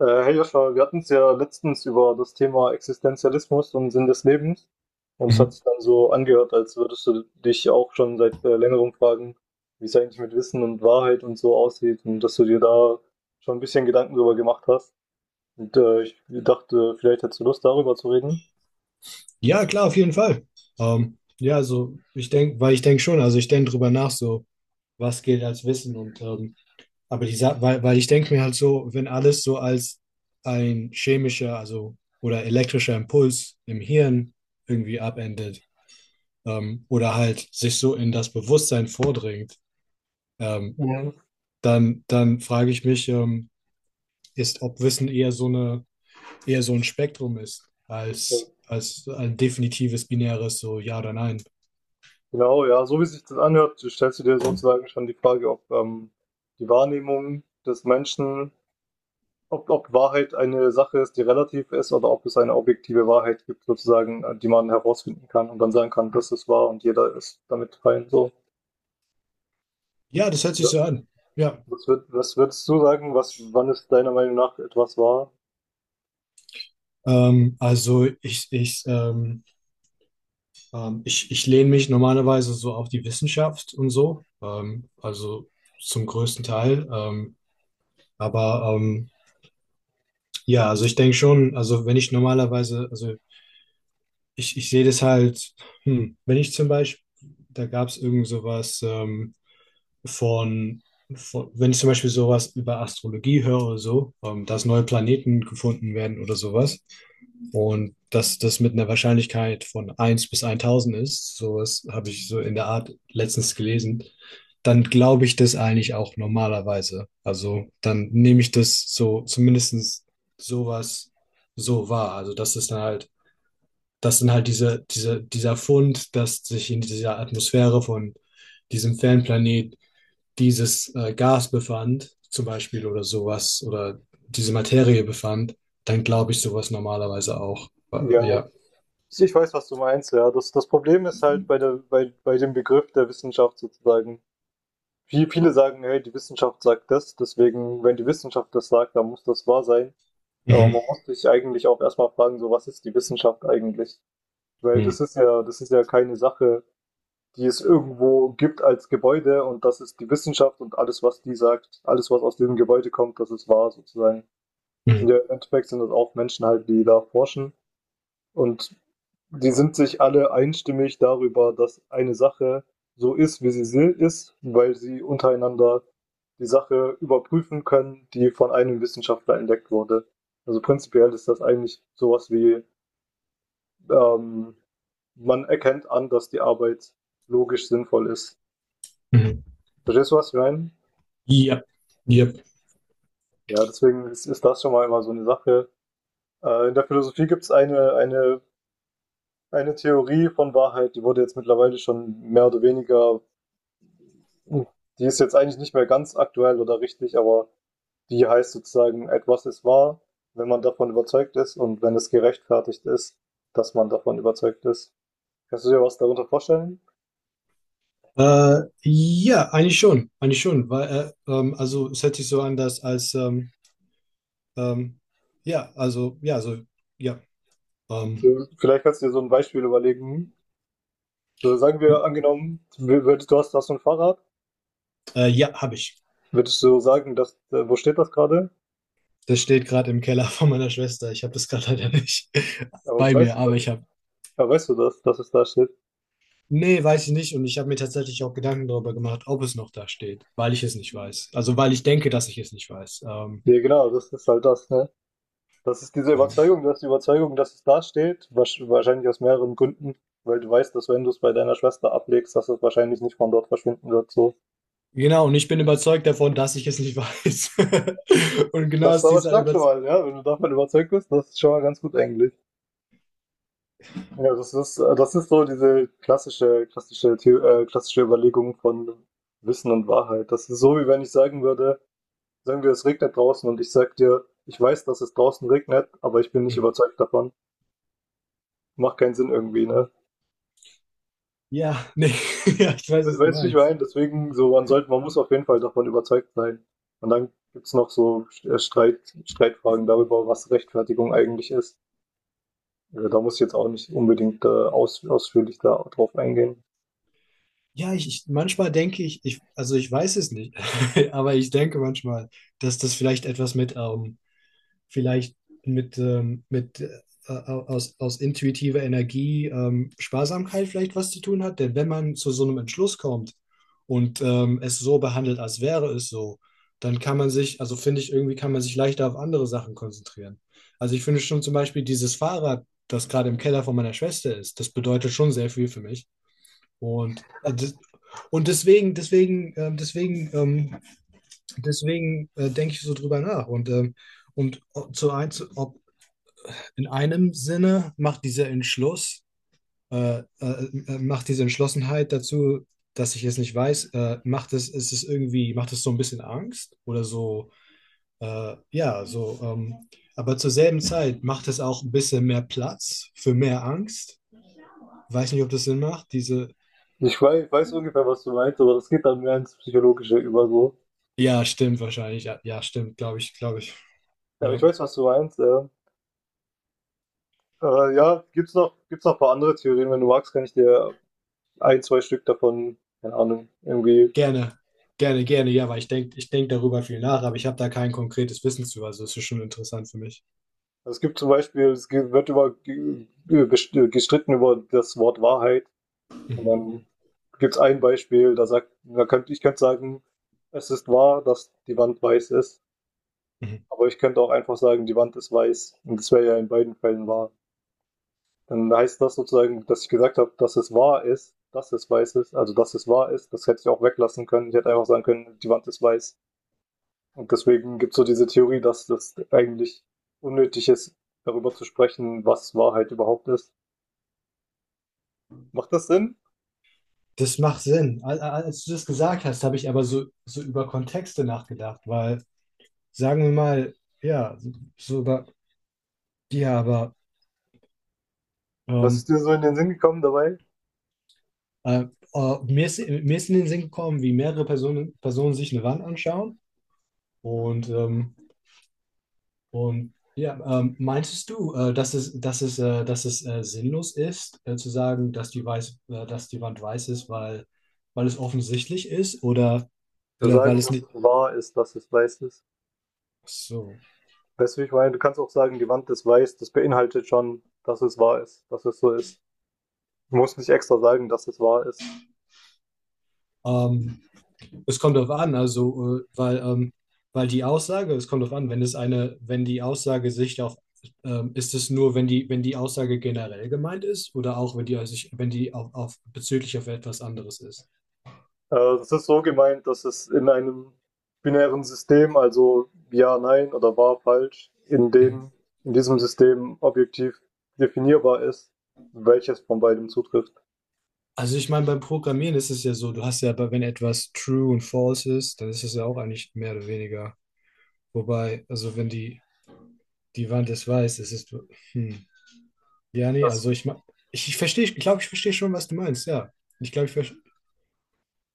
Hey Joscha, wir hatten es ja letztens über das Thema Existenzialismus und Sinn des Lebens. Und es hat Mhm. sich dann so angehört, als würdest du dich auch schon seit längerem fragen, wie es eigentlich mit Wissen und Wahrheit und so aussieht und dass du dir da schon ein bisschen Gedanken drüber gemacht hast. Und ich dachte, vielleicht hättest du Lust, darüber zu reden. Ja, klar, auf jeden Fall. Ja, so, ich denke, weil ich denke schon, also ich denke drüber nach, so, was gilt als Wissen und, aber weil ich denke mir halt so, wenn alles so als ein chemischer, also, oder elektrischer Impuls im Hirn irgendwie abendet, oder halt sich so in das Bewusstsein vordringt, ähm, Mhm. dann frage ich mich, ob Wissen eher so ein Spektrum ist, Äh, als ein definitives binäres, so ja oder nein. Genau, ja, so wie sich das anhört, stellst du dir sozusagen schon die Frage, ob die Wahrnehmung des Menschen, ob Wahrheit eine Sache ist, die relativ ist oder ob es eine objektive Wahrheit gibt sozusagen, die man herausfinden kann und dann sagen kann: „Das ist wahr und jeder ist damit fein“, so. Ja, das hört Ja. sich so an. Ja. Was würdest du sagen, was wann ist deiner Meinung nach etwas wahr? Also ich lehne mich normalerweise so auf die Wissenschaft und so. Also zum größten Teil. Aber ja, also ich denke schon, also wenn ich normalerweise, also ich sehe das halt, wenn ich zum Beispiel, da gab es irgend sowas, von, von, wenn ich zum Beispiel sowas über Astrologie höre oder so, dass neue Planeten gefunden werden oder sowas und dass das mit einer Wahrscheinlichkeit von eins bis 1000 ist, sowas habe ich so in der Art letztens gelesen, dann glaube ich das eigentlich auch normalerweise. Also dann nehme ich das so zumindest sowas so wahr. Also dass es dann halt das sind halt dieser Fund, dass sich in dieser Atmosphäre von diesem Fernplanet dieses Gas befand, zum Beispiel oder sowas, oder diese Materie befand, dann glaube ich sowas normalerweise auch. Äh, Ja, ja. ich weiß, was du meinst, ja. Das Problem ist halt bei der bei bei dem Begriff der Wissenschaft sozusagen. Viele sagen: „Hey, die Wissenschaft sagt das, deswegen, wenn die Wissenschaft das sagt, dann muss das wahr sein.“ Aber Mhm. man muss sich eigentlich auch erstmal fragen, so: Was ist die Wissenschaft eigentlich? Weil Mhm. das ist ja keine Sache, die es irgendwo gibt als Gebäude und das ist die Wissenschaft und alles, was die sagt, alles, was aus diesem Gebäude kommt, das ist wahr sozusagen. Das Sind Mhm. ja, Im Endeffekt sind das auch Menschen halt, die da forschen und die sind sich alle einstimmig darüber, dass eine Sache so ist, wie ist, weil sie untereinander die Sache überprüfen können, die von einem Wissenschaftler entdeckt wurde. Also prinzipiell ist das eigentlich sowas wie ähm, man erkennt an, dass die Arbeit logisch sinnvoll ist. Mhm. Verstehst du, was ich meine? Ja. Ja. Ja, deswegen ist das schon mal immer so eine Sache. In der Philosophie gibt es eine Theorie von Wahrheit, die wurde jetzt mittlerweile schon mehr oder weniger, hm, die ist jetzt eigentlich nicht mehr ganz aktuell oder richtig, aber die heißt sozusagen, etwas ist wahr, wenn man davon überzeugt ist und wenn es gerechtfertigt ist, dass man davon überzeugt ist. Kannst du dir was darunter vorstellen? Ja, eigentlich schon, weil also es hört sich so an, dass als ähm, ja, also ja, also ja, ähm, So, vielleicht kannst du dir so ein Beispiel überlegen. So, sagen wir angenommen, hast so ein Fahrrad, ja, habe ich. würdest du sagen, dass, wo steht das gerade? Das steht gerade im Keller von meiner Schwester. Ich habe das gerade leider nicht Aber bei mir, aber ich habe. Weißt du das, dass es da steht? Nee, weiß ich nicht. Und ich habe mir tatsächlich auch Gedanken darüber gemacht, ob es noch da steht, weil ich es nicht weiß. Also, weil ich denke, dass ich es nicht weiß. Ähm, Ja, genau, das ist halt das, ne? Das ist diese Überzeugung, du hast die Überzeugung, dass es da steht, wahrscheinlich aus mehreren Gründen, weil du weißt, dass wenn du es bei deiner Schwester ablegst, dass es wahrscheinlich nicht von dort verschwinden wird, so. genau, und ich bin überzeugt davon, dass ich es nicht weiß. Und genau Das ist aus aber dieser stark schon Überzeugung. mal, ja, wenn du davon überzeugt bist, das ist schon mal ganz gut eigentlich. Ja, das ist so diese klassische Überlegung von Wissen und Wahrheit. Das ist so, wie wenn ich sagen würde, sagen wir, es regnet draußen und ich sag dir, ich weiß, dass es draußen regnet, aber ich bin nicht überzeugt davon. Macht keinen Sinn irgendwie, ne? Ja, nee, ja, ich weiß, We- was du Weißt du, wie ich meinst. meine? Deswegen, so, man muss auf jeden Fall davon überzeugt sein. Und dann gibt's noch so Streitfragen darüber, was Rechtfertigung eigentlich ist. Ja, da muss ich jetzt auch nicht unbedingt ausführlich da drauf eingehen. Ja, ich manchmal denke ich, also ich weiß es nicht, aber ich denke manchmal, dass das vielleicht etwas mit vielleicht mit aus intuitiver Energie Sparsamkeit vielleicht was zu tun hat. Denn wenn man zu so einem Entschluss kommt und es so behandelt, als wäre es so, dann kann man sich, also finde ich, irgendwie kann man sich leichter auf andere Sachen konzentrieren. Also ich finde schon zum Beispiel dieses Fahrrad, das gerade im Keller von meiner Schwester ist, das bedeutet schon sehr viel für mich. Und, äh, das- und deswegen, denke ich so drüber nach. Und zu eins, ob in einem Sinne macht dieser Entschluss, macht diese Entschlossenheit dazu, dass ich es nicht weiß, macht es, ist es irgendwie, macht es so ein bisschen Angst oder so, ja, so, aber zur selben Zeit macht es auch ein bisschen mehr Platz für mehr Angst. Weiß nicht, ob das Sinn macht. Ich weiß ungefähr, was du meinst, aber das geht dann mehr ins Psychologische über so. Ja, stimmt wahrscheinlich, ja, ja stimmt, glaube ich, Ja, aber ja. ich weiß, was du meinst. Ja, ja gibt's noch ein paar andere Theorien. Wenn du magst, kann ich dir ein, zwei Stück davon, keine Ahnung, irgendwie. Gerne, gerne, gerne, ja, weil ich denk darüber viel nach, aber ich habe da kein konkretes Wissen zu, also es ist schon interessant für mich. Also es gibt zum Beispiel, es ge- wird über ge- best- gestritten über das Wort Wahrheit. Und Mhm. dann gibt's ein Beispiel, da sagt, da könnte sagen, es ist wahr, dass die Wand weiß ist. Mhm. Aber ich könnte auch einfach sagen, die Wand ist weiß. Und das wäre ja in beiden Fällen wahr. Dann heißt das sozusagen, dass ich gesagt habe, dass es wahr ist, dass es weiß ist, also dass es wahr ist, das hätte ich auch weglassen können. Ich hätte einfach sagen können, die Wand ist weiß. Und deswegen gibt es so diese Theorie, dass das eigentlich unnötig ist, darüber zu sprechen, was Wahrheit überhaupt ist. Macht das Sinn? Das macht Sinn. Als du das gesagt hast, habe ich aber so, über Kontexte nachgedacht, weil sagen wir mal, ja, so über, ja, aber Was ist ähm, dir so in den Sinn gekommen dabei? äh, mir ist in den Sinn gekommen, wie mehrere Personen sich eine Wand anschauen und, ähm, und ja, meintest du, dass es sinnlos ist, zu sagen, dass die Wand weiß ist, weil es offensichtlich ist oder, Zu oder weil sagen, es dass nicht. es wahr ist, dass es weiß ist. So. Weißt du, wie ich meine? Du kannst auch sagen, die Wand ist weiß, das beinhaltet schon, dass es wahr ist, dass es so ist. Du musst nicht extra sagen, dass es wahr ist. Ähm, Es kommt darauf an, also, weil die Aussage, es kommt darauf an, wenn es eine, wenn die Aussage sich auf, ist es nur, wenn die Aussage generell gemeint ist oder auch, wenn die auf bezüglich auf etwas anderes ist. Äh, es ist so gemeint, dass es in einem binären System, also ja, nein oder wahr, falsch, Mhm. In diesem System objektiv definierbar ist, welches von beidem zutrifft. Also ich meine, beim Programmieren ist es ja so, du hast ja, aber wenn etwas true und false ist, dann ist es ja auch eigentlich mehr oder weniger. Wobei, also wenn die Wand es weiß, es ist, hm. Ja, nee, also Das, ich verstehe, ich glaube, ich verstehe schon, was du meinst, ja. Ich glaube, ich verstehe,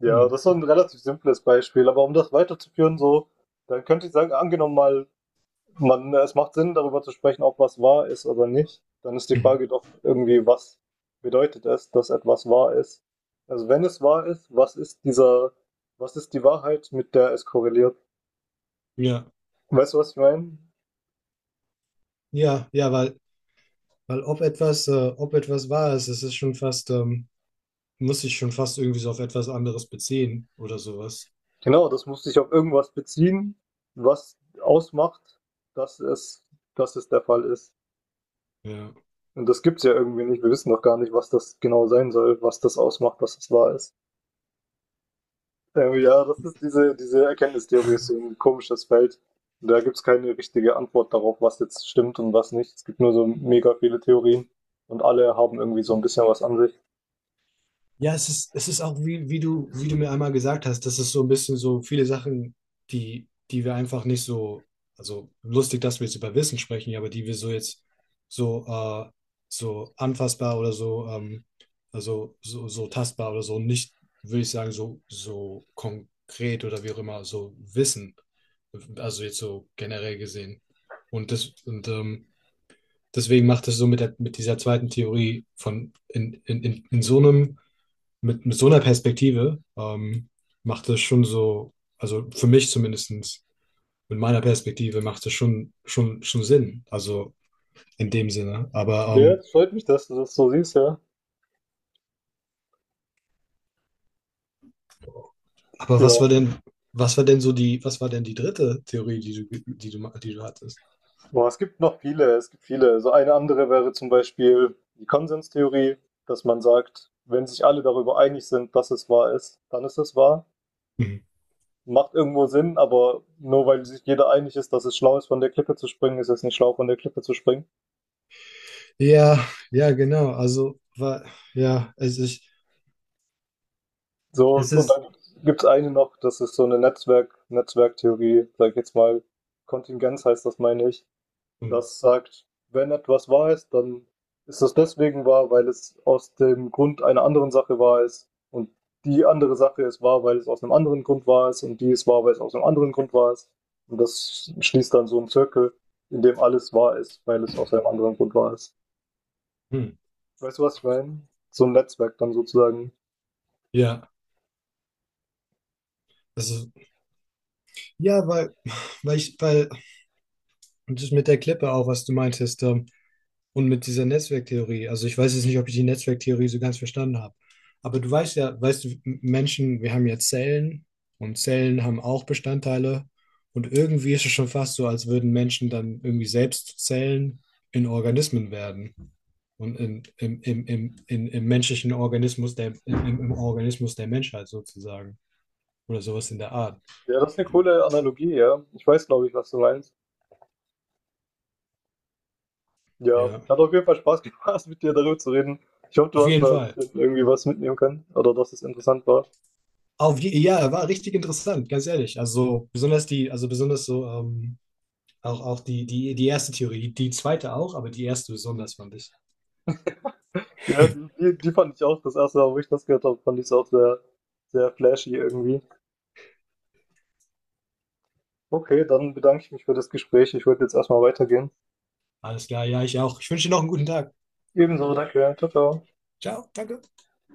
ja, hm. das ist so ein relativ simples Beispiel, aber um das weiterzuführen, so, dann könnte ich sagen, angenommen mal, man, es macht Sinn, darüber zu sprechen, ob was wahr ist oder nicht. Dann ist die Mhm. Frage doch irgendwie, was bedeutet es, dass etwas wahr ist? Also wenn es wahr ist, was ist die Wahrheit, mit der es korreliert? Ja. Weißt du, was ich meine? Ja, ja, weil ob etwas wahr ist, es ist schon fast, muss sich schon fast irgendwie so auf etwas anderes beziehen oder sowas. Genau, das muss sich auf irgendwas beziehen, was ausmacht, dass es, dass es der Fall ist. Ja. Und das gibt es ja irgendwie nicht. Wir wissen doch gar nicht, was das genau sein soll, was das ausmacht, dass es wahr ist. Ja, das ist diese Erkenntnistheorie, ist so ein komisches Feld. Und da gibt's keine richtige Antwort darauf, was jetzt stimmt und was nicht. Es gibt nur so mega viele Theorien und alle haben irgendwie so ein bisschen was an sich. Ja, es ist auch, wie du mir einmal gesagt hast, das ist so ein bisschen so viele Sachen, die wir einfach nicht so, also lustig, dass wir jetzt über Wissen sprechen, ja, aber die wir so jetzt so, äh, so anfassbar oder so, also so tastbar oder so nicht, würde ich sagen, so konkret oder wie auch immer, so wissen. Also jetzt so generell gesehen. Und deswegen macht es so mit dieser zweiten Theorie von in so einem mit so einer Perspektive macht es schon so, also für mich zumindest mit meiner Perspektive macht es schon Sinn. Also in dem Sinne. Aber, Ja, ähm, es freut mich, dass du das so siehst, ja. aber Ja, was war denn so die, was war denn die dritte Theorie, die du hattest? boah, es gibt noch viele, es gibt viele. So eine andere wäre zum Beispiel die Konsenstheorie, dass man sagt, wenn sich alle darüber einig sind, dass es wahr ist, dann ist es wahr. Mhm. Macht irgendwo Sinn, aber nur weil sich jeder einig ist, dass es schlau ist, von der Klippe zu springen, ist es nicht schlau, von der Klippe zu springen. Ja, ja, genau. Ja, So, es und ist, dann gibt es eine noch, das ist so eine Netzwerktheorie, sag ich jetzt mal, Kontingenz heißt das, meine ich. hm, Das sagt, wenn etwas wahr ist, dann ist das deswegen wahr, weil es aus dem Grund einer anderen Sache wahr ist. Und die andere Sache ist wahr, weil es aus einem anderen Grund wahr ist. Und die ist wahr, weil es aus einem anderen Grund wahr ist. Und das schließt dann so einen Zirkel, in dem alles wahr ist, weil es aus einem anderen Grund wahr ist. hm, Weißt du, was ich meine? So ein Netzwerk dann sozusagen. ja. Also, ja, weil ich, weil, das mit der Klippe auch, was du meintest, Und mit dieser Netzwerktheorie, also ich weiß jetzt nicht, ob ich die Netzwerktheorie so ganz verstanden habe, aber du weißt ja, weißt du, Menschen, wir haben ja Zellen und Zellen haben auch Bestandteile und irgendwie ist es schon fast so, als würden Menschen dann irgendwie selbst Zellen in Organismen werden und in, im, im, im, in, im menschlichen Organismus, der, im, im im Organismus der Menschheit sozusagen oder sowas in der Art. Ja, das ist eine coole Analogie, ja. Ich weiß, glaube ich, was du meinst. Ja, Ja, hat auf jeden Fall Spaß gemacht, mit dir darüber zu reden. Ich hoffe, du auf hast jeden da ein Fall. bisschen irgendwie was mitnehmen können oder dass es interessant war. Ja, war richtig interessant, ganz ehrlich. Also besonders die, also besonders so Auch die erste Theorie, die zweite auch, aber die erste besonders fand ich. Ja, die die fand ich auch das erste Mal, wo ich das gehört habe, fand ich's auch sehr, sehr flashy irgendwie. Okay, dann bedanke ich mich für das Gespräch. Ich würde jetzt erstmal weitergehen. Alles klar, ja, ich auch. Ich wünsche dir noch einen guten Tag. Ebenso, danke. Tschau, tschau. Ciao, danke.